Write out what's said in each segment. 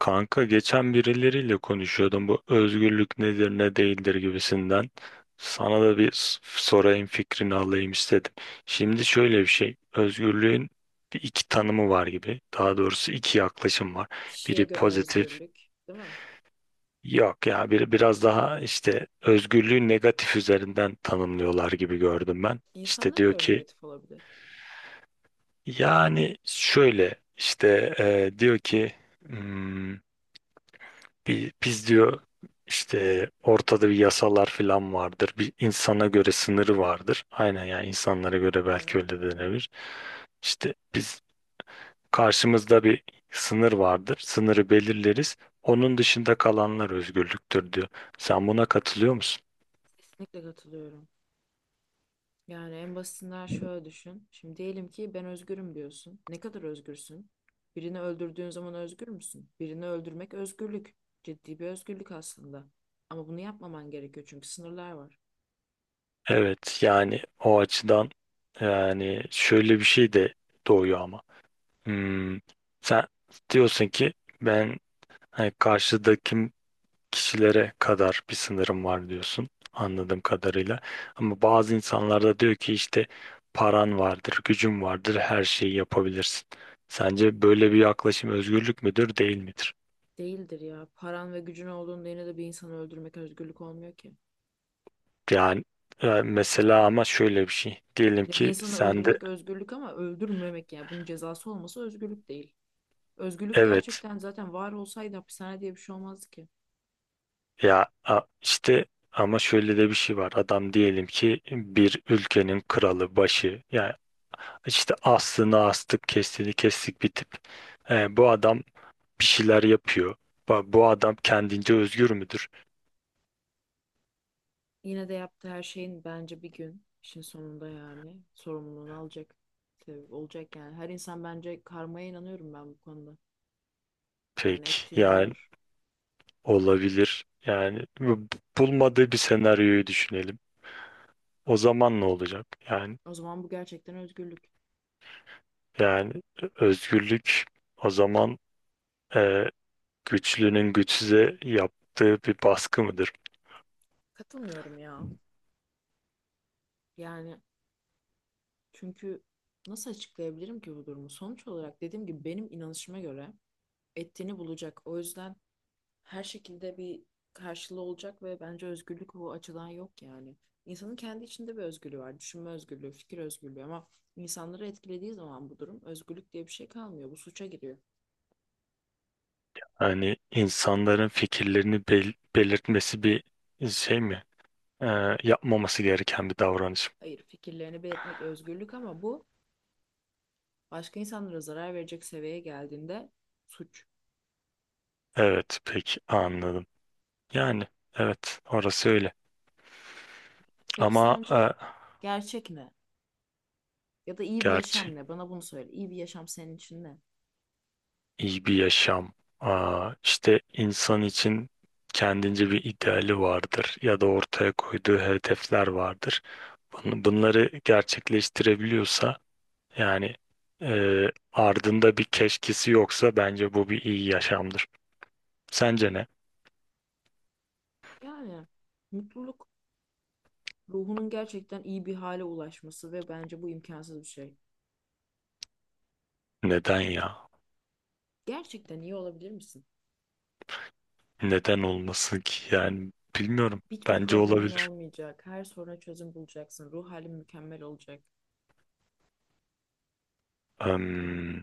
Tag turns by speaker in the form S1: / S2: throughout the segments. S1: Kanka geçen birileriyle konuşuyordum bu özgürlük nedir ne değildir gibisinden. Sana da sorayım fikrini alayım istedim. Şimdi şöyle bir şey özgürlüğün bir iki tanımı var gibi, daha doğrusu iki yaklaşım var.
S2: Kişiye
S1: Biri
S2: göre
S1: pozitif,
S2: özgürlük, değil mi?
S1: yok ya, biri biraz daha işte özgürlüğü negatif üzerinden tanımlıyorlar gibi gördüm ben. İşte
S2: İnsanlara
S1: diyor
S2: göre
S1: ki,
S2: negatif olabilir.
S1: yani şöyle işte diyor ki, "Hmm, bir, biz diyor işte ortada bir yasalar falan vardır. Bir insana göre sınırı vardır." Aynen, yani insanlara göre belki
S2: Evet,
S1: öyle denebilir. İşte biz, karşımızda bir sınır vardır. Sınırı belirleriz. Onun dışında kalanlar özgürlüktür diyor. Sen buna katılıyor musun?
S2: kesinlikle katılıyorum. Yani en basitinden şöyle düşün. Şimdi diyelim ki ben özgürüm diyorsun. Ne kadar özgürsün? Birini öldürdüğün zaman özgür müsün? Birini öldürmek özgürlük. Ciddi bir özgürlük aslında. Ama bunu yapmaman gerekiyor çünkü sınırlar var.
S1: Evet, yani o açıdan yani şöyle bir şey de doğuyor ama. Hmm, sen diyorsun ki ben hani karşıdakim kişilere kadar bir sınırım var diyorsun anladığım kadarıyla. Ama bazı insanlar da diyor ki işte paran vardır, gücün vardır, her şeyi yapabilirsin. Sence böyle bir yaklaşım özgürlük müdür, değil midir?
S2: Değildir ya. Paran ve gücün olduğunda yine de bir insanı öldürmek özgürlük olmuyor ki.
S1: Yani mesela ama şöyle bir şey. Diyelim
S2: Ya bir
S1: ki
S2: insanı
S1: sen de
S2: öldürmek özgürlük ama öldürmemek yani bunun cezası olması özgürlük değil. Özgürlük
S1: evet,
S2: gerçekten zaten var olsaydı hapishane diye bir şey olmazdı ki.
S1: işte ama şöyle de bir şey var. Adam diyelim ki bir ülkenin kralı, başı. Yani işte aslını astık, kestiğini kestik bir tip. E, bu adam bir şeyler yapıyor. Bu adam kendince özgür müdür?
S2: Yine de yaptığı her şeyin bence bir gün işin sonunda yani sorumluluğunu alacak. Tabii olacak yani. Her insan bence karmaya inanıyorum ben bu konuda. Yani
S1: Pek,
S2: ettiğini
S1: yani
S2: olur.
S1: olabilir. Yani bulmadığı bir senaryoyu düşünelim. O zaman ne olacak? Yani
S2: O zaman bu gerçekten özgürlük.
S1: yani özgürlük o zaman e, güçlünün güçsüze yaptığı bir baskı mıdır?
S2: Katılmıyorum ya. Yani çünkü nasıl açıklayabilirim ki bu durumu? Sonuç olarak dediğim gibi benim inanışıma göre ettiğini bulacak. O yüzden her şekilde bir karşılığı olacak ve bence özgürlük bu açıdan yok yani. İnsanın kendi içinde bir özgürlüğü var. Düşünme özgürlüğü, fikir özgürlüğü ama insanları etkilediği zaman bu durum özgürlük diye bir şey kalmıyor. Bu suça giriyor.
S1: Hani insanların fikirlerini belirtmesi bir şey mi? E, yapmaması gereken bir davranış.
S2: Hayır, fikirlerini belirtmek özgürlük ama bu başka insanlara zarar verecek seviyeye geldiğinde suç.
S1: Evet, peki anladım. Yani evet, orası öyle.
S2: Peki
S1: Ama
S2: sence gerçek ne? Ya da iyi bir yaşam
S1: gerçi
S2: ne? Bana bunu söyle. İyi bir yaşam senin için ne?
S1: iyi bir yaşam. Aa, işte insan için kendince bir ideali vardır ya da ortaya koyduğu hedefler vardır. Bunları gerçekleştirebiliyorsa, yani e, ardında bir keşkesi yoksa bence bu bir iyi yaşamdır. Sence ne?
S2: Yani mutluluk, ruhunun gerçekten iyi bir hale ulaşması ve bence bu imkansız bir şey.
S1: Neden ya?
S2: Gerçekten iyi olabilir misin?
S1: Neden olmasın ki? Yani bilmiyorum.
S2: Hiçbir
S1: Bence
S2: problemin
S1: olabilir.
S2: olmayacak. Her soruna çözüm bulacaksın. Ruh halin mükemmel olacak. Yani
S1: Hmm,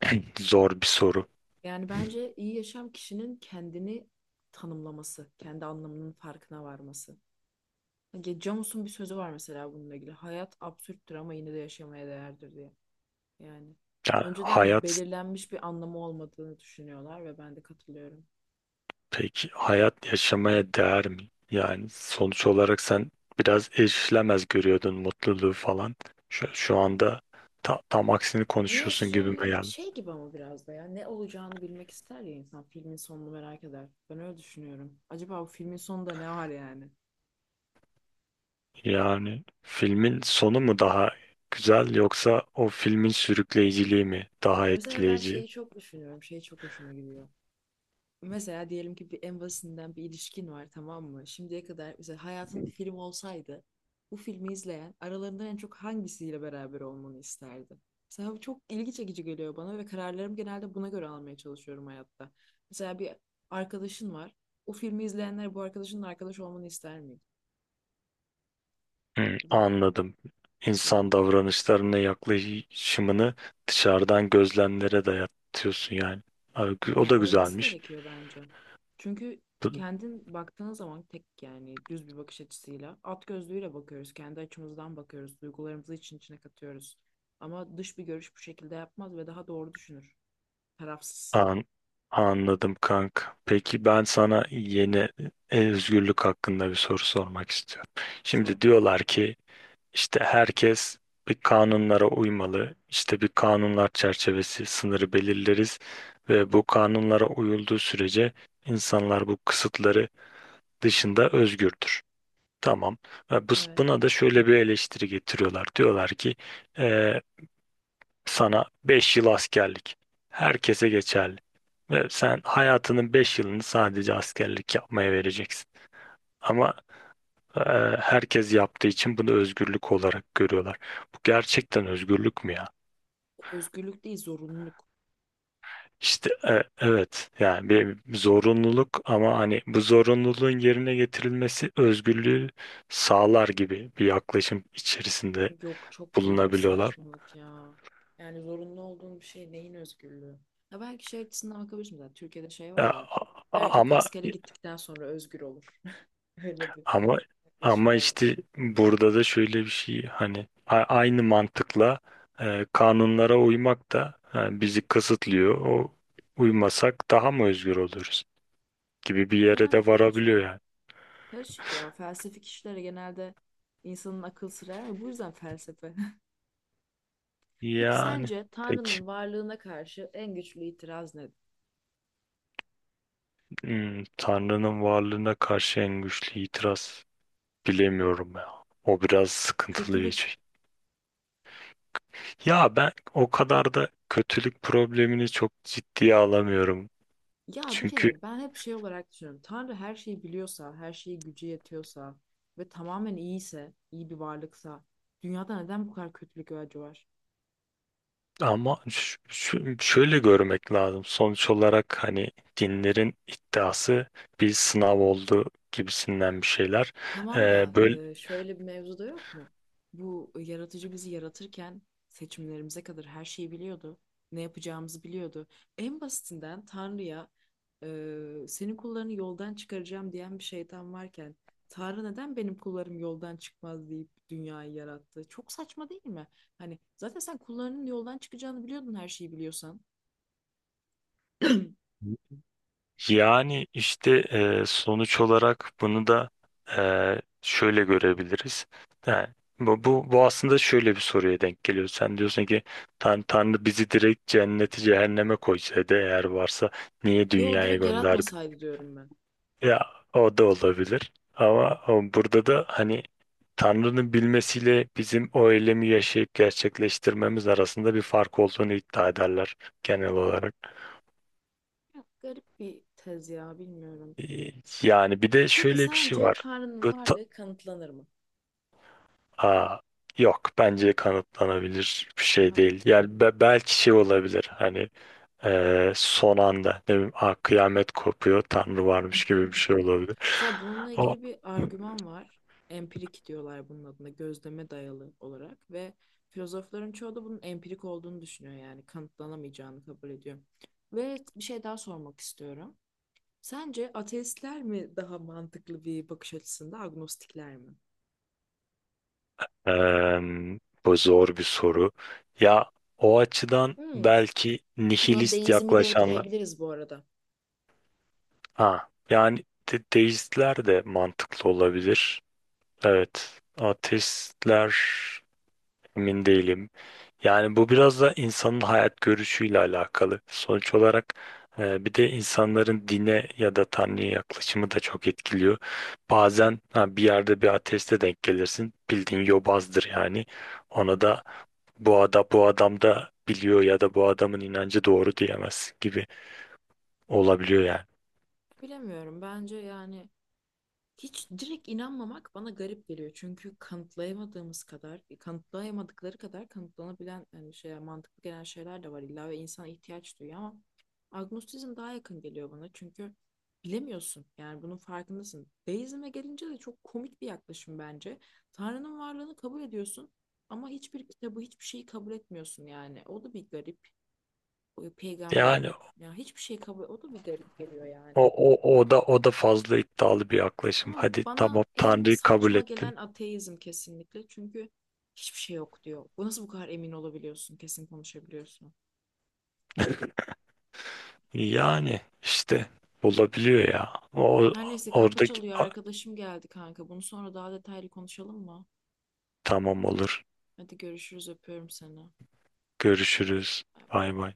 S1: zor bir soru.
S2: yani bence iyi yaşam kişinin kendini tanımlaması, kendi anlamının farkına varması. Ya Camus'un bir sözü var mesela bununla ilgili. Hayat absürttür ama yine de yaşamaya değerdir diye. Yani
S1: Yani
S2: önceden
S1: hayat.
S2: belirlenmiş bir anlamı olmadığını düşünüyorlar ve ben de katılıyorum.
S1: Peki hayat yaşamaya değer mi? Yani sonuç olarak sen biraz erişilemez görüyordun mutluluğu falan. Şu anda tam aksini konuşuyorsun gibime geldi. Yani.
S2: Şey gibi ama biraz da ya ne olacağını bilmek ister ya insan filmin sonunu merak eder. Ben öyle düşünüyorum. Acaba bu filmin sonunda ne var yani?
S1: Yani filmin sonu mu daha güzel, yoksa o filmin sürükleyiciliği mi daha
S2: Ya mesela ben
S1: etkileyici?
S2: şeyi çok düşünüyorum. Şey çok hoşuma gidiyor. Mesela diyelim ki bir en basitinden bir ilişkin var, tamam mı? Şimdiye kadar mesela hayatın bir film olsaydı bu filmi izleyen aralarından en çok hangisiyle beraber olmanı isterdi? Mesela bu çok ilgi çekici geliyor bana ve kararlarımı genelde buna göre almaya çalışıyorum hayatta. Mesela bir arkadaşın var. O filmi izleyenler bu arkadaşının arkadaş olmanı ister miydi?
S1: Hı,
S2: Ya da
S1: anladım. İnsan
S2: Yani
S1: davranışlarına yaklaşımını dışarıdan gözlemlere dayatıyorsun yani. Abi, o
S2: Ya
S1: da
S2: olması
S1: güzelmiş.
S2: gerekiyor bence. Çünkü kendin baktığın zaman tek yani düz bir bakış açısıyla at gözlüğüyle bakıyoruz. Kendi açımızdan bakıyoruz. Duygularımızı için içine katıyoruz. Ama dış bir görüş bu şekilde yapmaz ve daha doğru düşünür. Tarafsız.
S1: An anladım kanka. Peki ben sana yeni özgürlük hakkında bir soru sormak istiyorum.
S2: Sor.
S1: Şimdi diyorlar ki işte herkes bir kanunlara uymalı. İşte bir kanunlar çerçevesi sınırı belirleriz ve bu kanunlara uyulduğu sürece insanlar bu kısıtları dışında özgürdür. Tamam. Ve
S2: Evet.
S1: buna da şöyle bir eleştiri getiriyorlar. Diyorlar ki e, sana 5 yıl askerlik. Herkese geçerli. Ve sen hayatının 5 yılını sadece askerlik yapmaya vereceksin. Ama e, herkes yaptığı için bunu özgürlük olarak görüyorlar. Bu gerçekten özgürlük mü ya?
S2: Özgürlük değil, zorunluluk.
S1: İşte evet, yani bir zorunluluk ama hani bu zorunluluğun yerine getirilmesi özgürlüğü sağlar gibi bir yaklaşım içerisinde
S2: Yok, çok büyük bir
S1: bulunabiliyorlar.
S2: saçmalık ya. Yani zorunlu olduğun bir şey neyin özgürlüğü? Ya belki şey açısından bakabilirsin zaten. Türkiye'de şey var
S1: Ya,
S2: ya.
S1: a-
S2: Erkek
S1: ama
S2: askere gittikten sonra özgür olur. Öyle bir
S1: ama
S2: yaklaşım
S1: ama
S2: da var.
S1: işte burada da şöyle bir şey, hani aynı mantıkla kanunlara uymak da bizi kısıtlıyor. O uymasak daha mı özgür oluruz gibi bir yere de
S2: Yani bir
S1: varabiliyor
S2: açıdan.
S1: yani.
S2: Karışık ya. Felsefik işlere genelde insanın akıl sırar ve bu yüzden felsefe. Peki
S1: Yani
S2: sence
S1: peki,
S2: Tanrı'nın varlığına karşı en güçlü itiraz nedir?
S1: hmm, Tanrı'nın varlığına karşı en güçlü itiraz bilemiyorum ya. O biraz sıkıntılı bir
S2: Kötülük.
S1: şey. Ya ben o kadar da kötülük problemini çok ciddiye alamıyorum.
S2: Ya bir
S1: Çünkü.
S2: kere ben hep şey olarak düşünüyorum. Tanrı her şeyi biliyorsa, her şeyi gücü yetiyorsa ve tamamen iyiyse, iyi bir varlıksa dünyada neden bu kadar kötülük ve acı var?
S1: Ama şöyle görmek lazım. Sonuç olarak hani dinlerin iddiası bir sınav oldu gibisinden bir şeyler.
S2: Tamam da
S1: Böyle
S2: şöyle bir mevzu da yok mu? Bu yaratıcı bizi yaratırken seçimlerimize kadar her şeyi biliyordu. Ne yapacağımızı biliyordu. En basitinden Tanrı'ya senin kullarını yoldan çıkaracağım diyen bir şeytan varken Tanrı neden benim kullarım yoldan çıkmaz deyip dünyayı yarattı? Çok saçma değil mi? Hani zaten sen kullarının yoldan çıkacağını biliyordun her şeyi biliyorsan.
S1: yani işte sonuç olarak bunu da şöyle görebiliriz. Yani bu aslında şöyle bir soruya denk geliyor. Sen diyorsun ki Tanrı bizi direkt cenneti cehenneme koysaydı, eğer varsa niye
S2: Yo,
S1: dünyaya
S2: direkt
S1: gönderdi?
S2: yaratmasaydı diyorum ben.
S1: Ya o da olabilir. Ama burada da hani Tanrı'nın bilmesiyle bizim o eylemi yaşayıp gerçekleştirmemiz arasında bir fark olduğunu iddia ederler genel olarak.
S2: Ya, garip bir tez ya bilmiyorum.
S1: Ee, Yani bir de
S2: Peki
S1: şöyle bir şey
S2: sence
S1: var.
S2: Tanrı'nın
S1: Bu ta-
S2: varlığı kanıtlanır mı?
S1: Aa, yok, bence kanıtlanabilir bir
S2: Değil
S1: şey
S2: mi?
S1: değil. Yani belki şey olabilir, hani son anda ne bileyim, "Aa, kıyamet kopuyor, Tanrı varmış" gibi bir şey olabilir.
S2: Mesela bununla ilgili bir argüman var. Empirik diyorlar bunun adına, gözleme dayalı olarak ve filozofların çoğu da bunun empirik olduğunu düşünüyor yani kanıtlanamayacağını kabul ediyor. Ve bir şey daha sormak istiyorum. Sence ateistler mi daha mantıklı bir bakış açısında, agnostikler mi?
S1: Eee, bu zor bir soru. Ya o açıdan
S2: Hmm.
S1: belki
S2: Buna
S1: nihilist
S2: deizmi de
S1: yaklaşanlar.
S2: ekleyebiliriz bu arada.
S1: Ha, yani deistler de mantıklı olabilir. Evet, ateistler. Emin değilim. Yani bu biraz da insanın hayat görüşüyle alakalı. Sonuç olarak bir de insanların dine ya da Tanrı'ya yaklaşımı da çok etkiliyor. Bazen ha, bir yerde bir ateiste denk gelirsin. Bildiğin yobazdır yani. Ona
S2: Evet.
S1: da bu adam da biliyor ya da bu adamın inancı doğru diyemez gibi olabiliyor yani.
S2: Bilemiyorum. Bence yani hiç direkt inanmamak bana garip geliyor. Çünkü kanıtlayamadığımız kadar, kanıtlayamadıkları kadar kanıtlanabilen yani şey, mantıklı gelen şeyler de var illa ve insan ihtiyaç duyuyor ama agnostizm daha yakın geliyor bana. Çünkü bilemiyorsun. Yani bunun farkındasın. Deizme gelince de çok komik bir yaklaşım bence. Tanrı'nın varlığını kabul ediyorsun ama hiçbir kitabı, hiçbir şeyi kabul etmiyorsun yani. O da bir garip. O peygamberi,
S1: Yani
S2: o, yani hiçbir şey kabul, o da bir garip geliyor
S1: o,
S2: yani.
S1: o da fazla iddialı bir yaklaşım.
S2: Ama
S1: Hadi
S2: bana
S1: tamam,
S2: en
S1: Tanrı'yı kabul
S2: saçma
S1: ettin.
S2: gelen ateizm kesinlikle. Çünkü hiçbir şey yok diyor. Bu nasıl bu kadar emin olabiliyorsun? Kesin konuşabiliyorsun.
S1: Yani işte olabiliyor ya. O
S2: Her neyse, kapı
S1: oradaki
S2: çalıyor. Arkadaşım geldi kanka. Bunu sonra daha detaylı konuşalım mı?
S1: Tamam, olur.
S2: Hadi görüşürüz. Öpüyorum seni.
S1: Görüşürüz.
S2: Bay bay.
S1: Bay bay.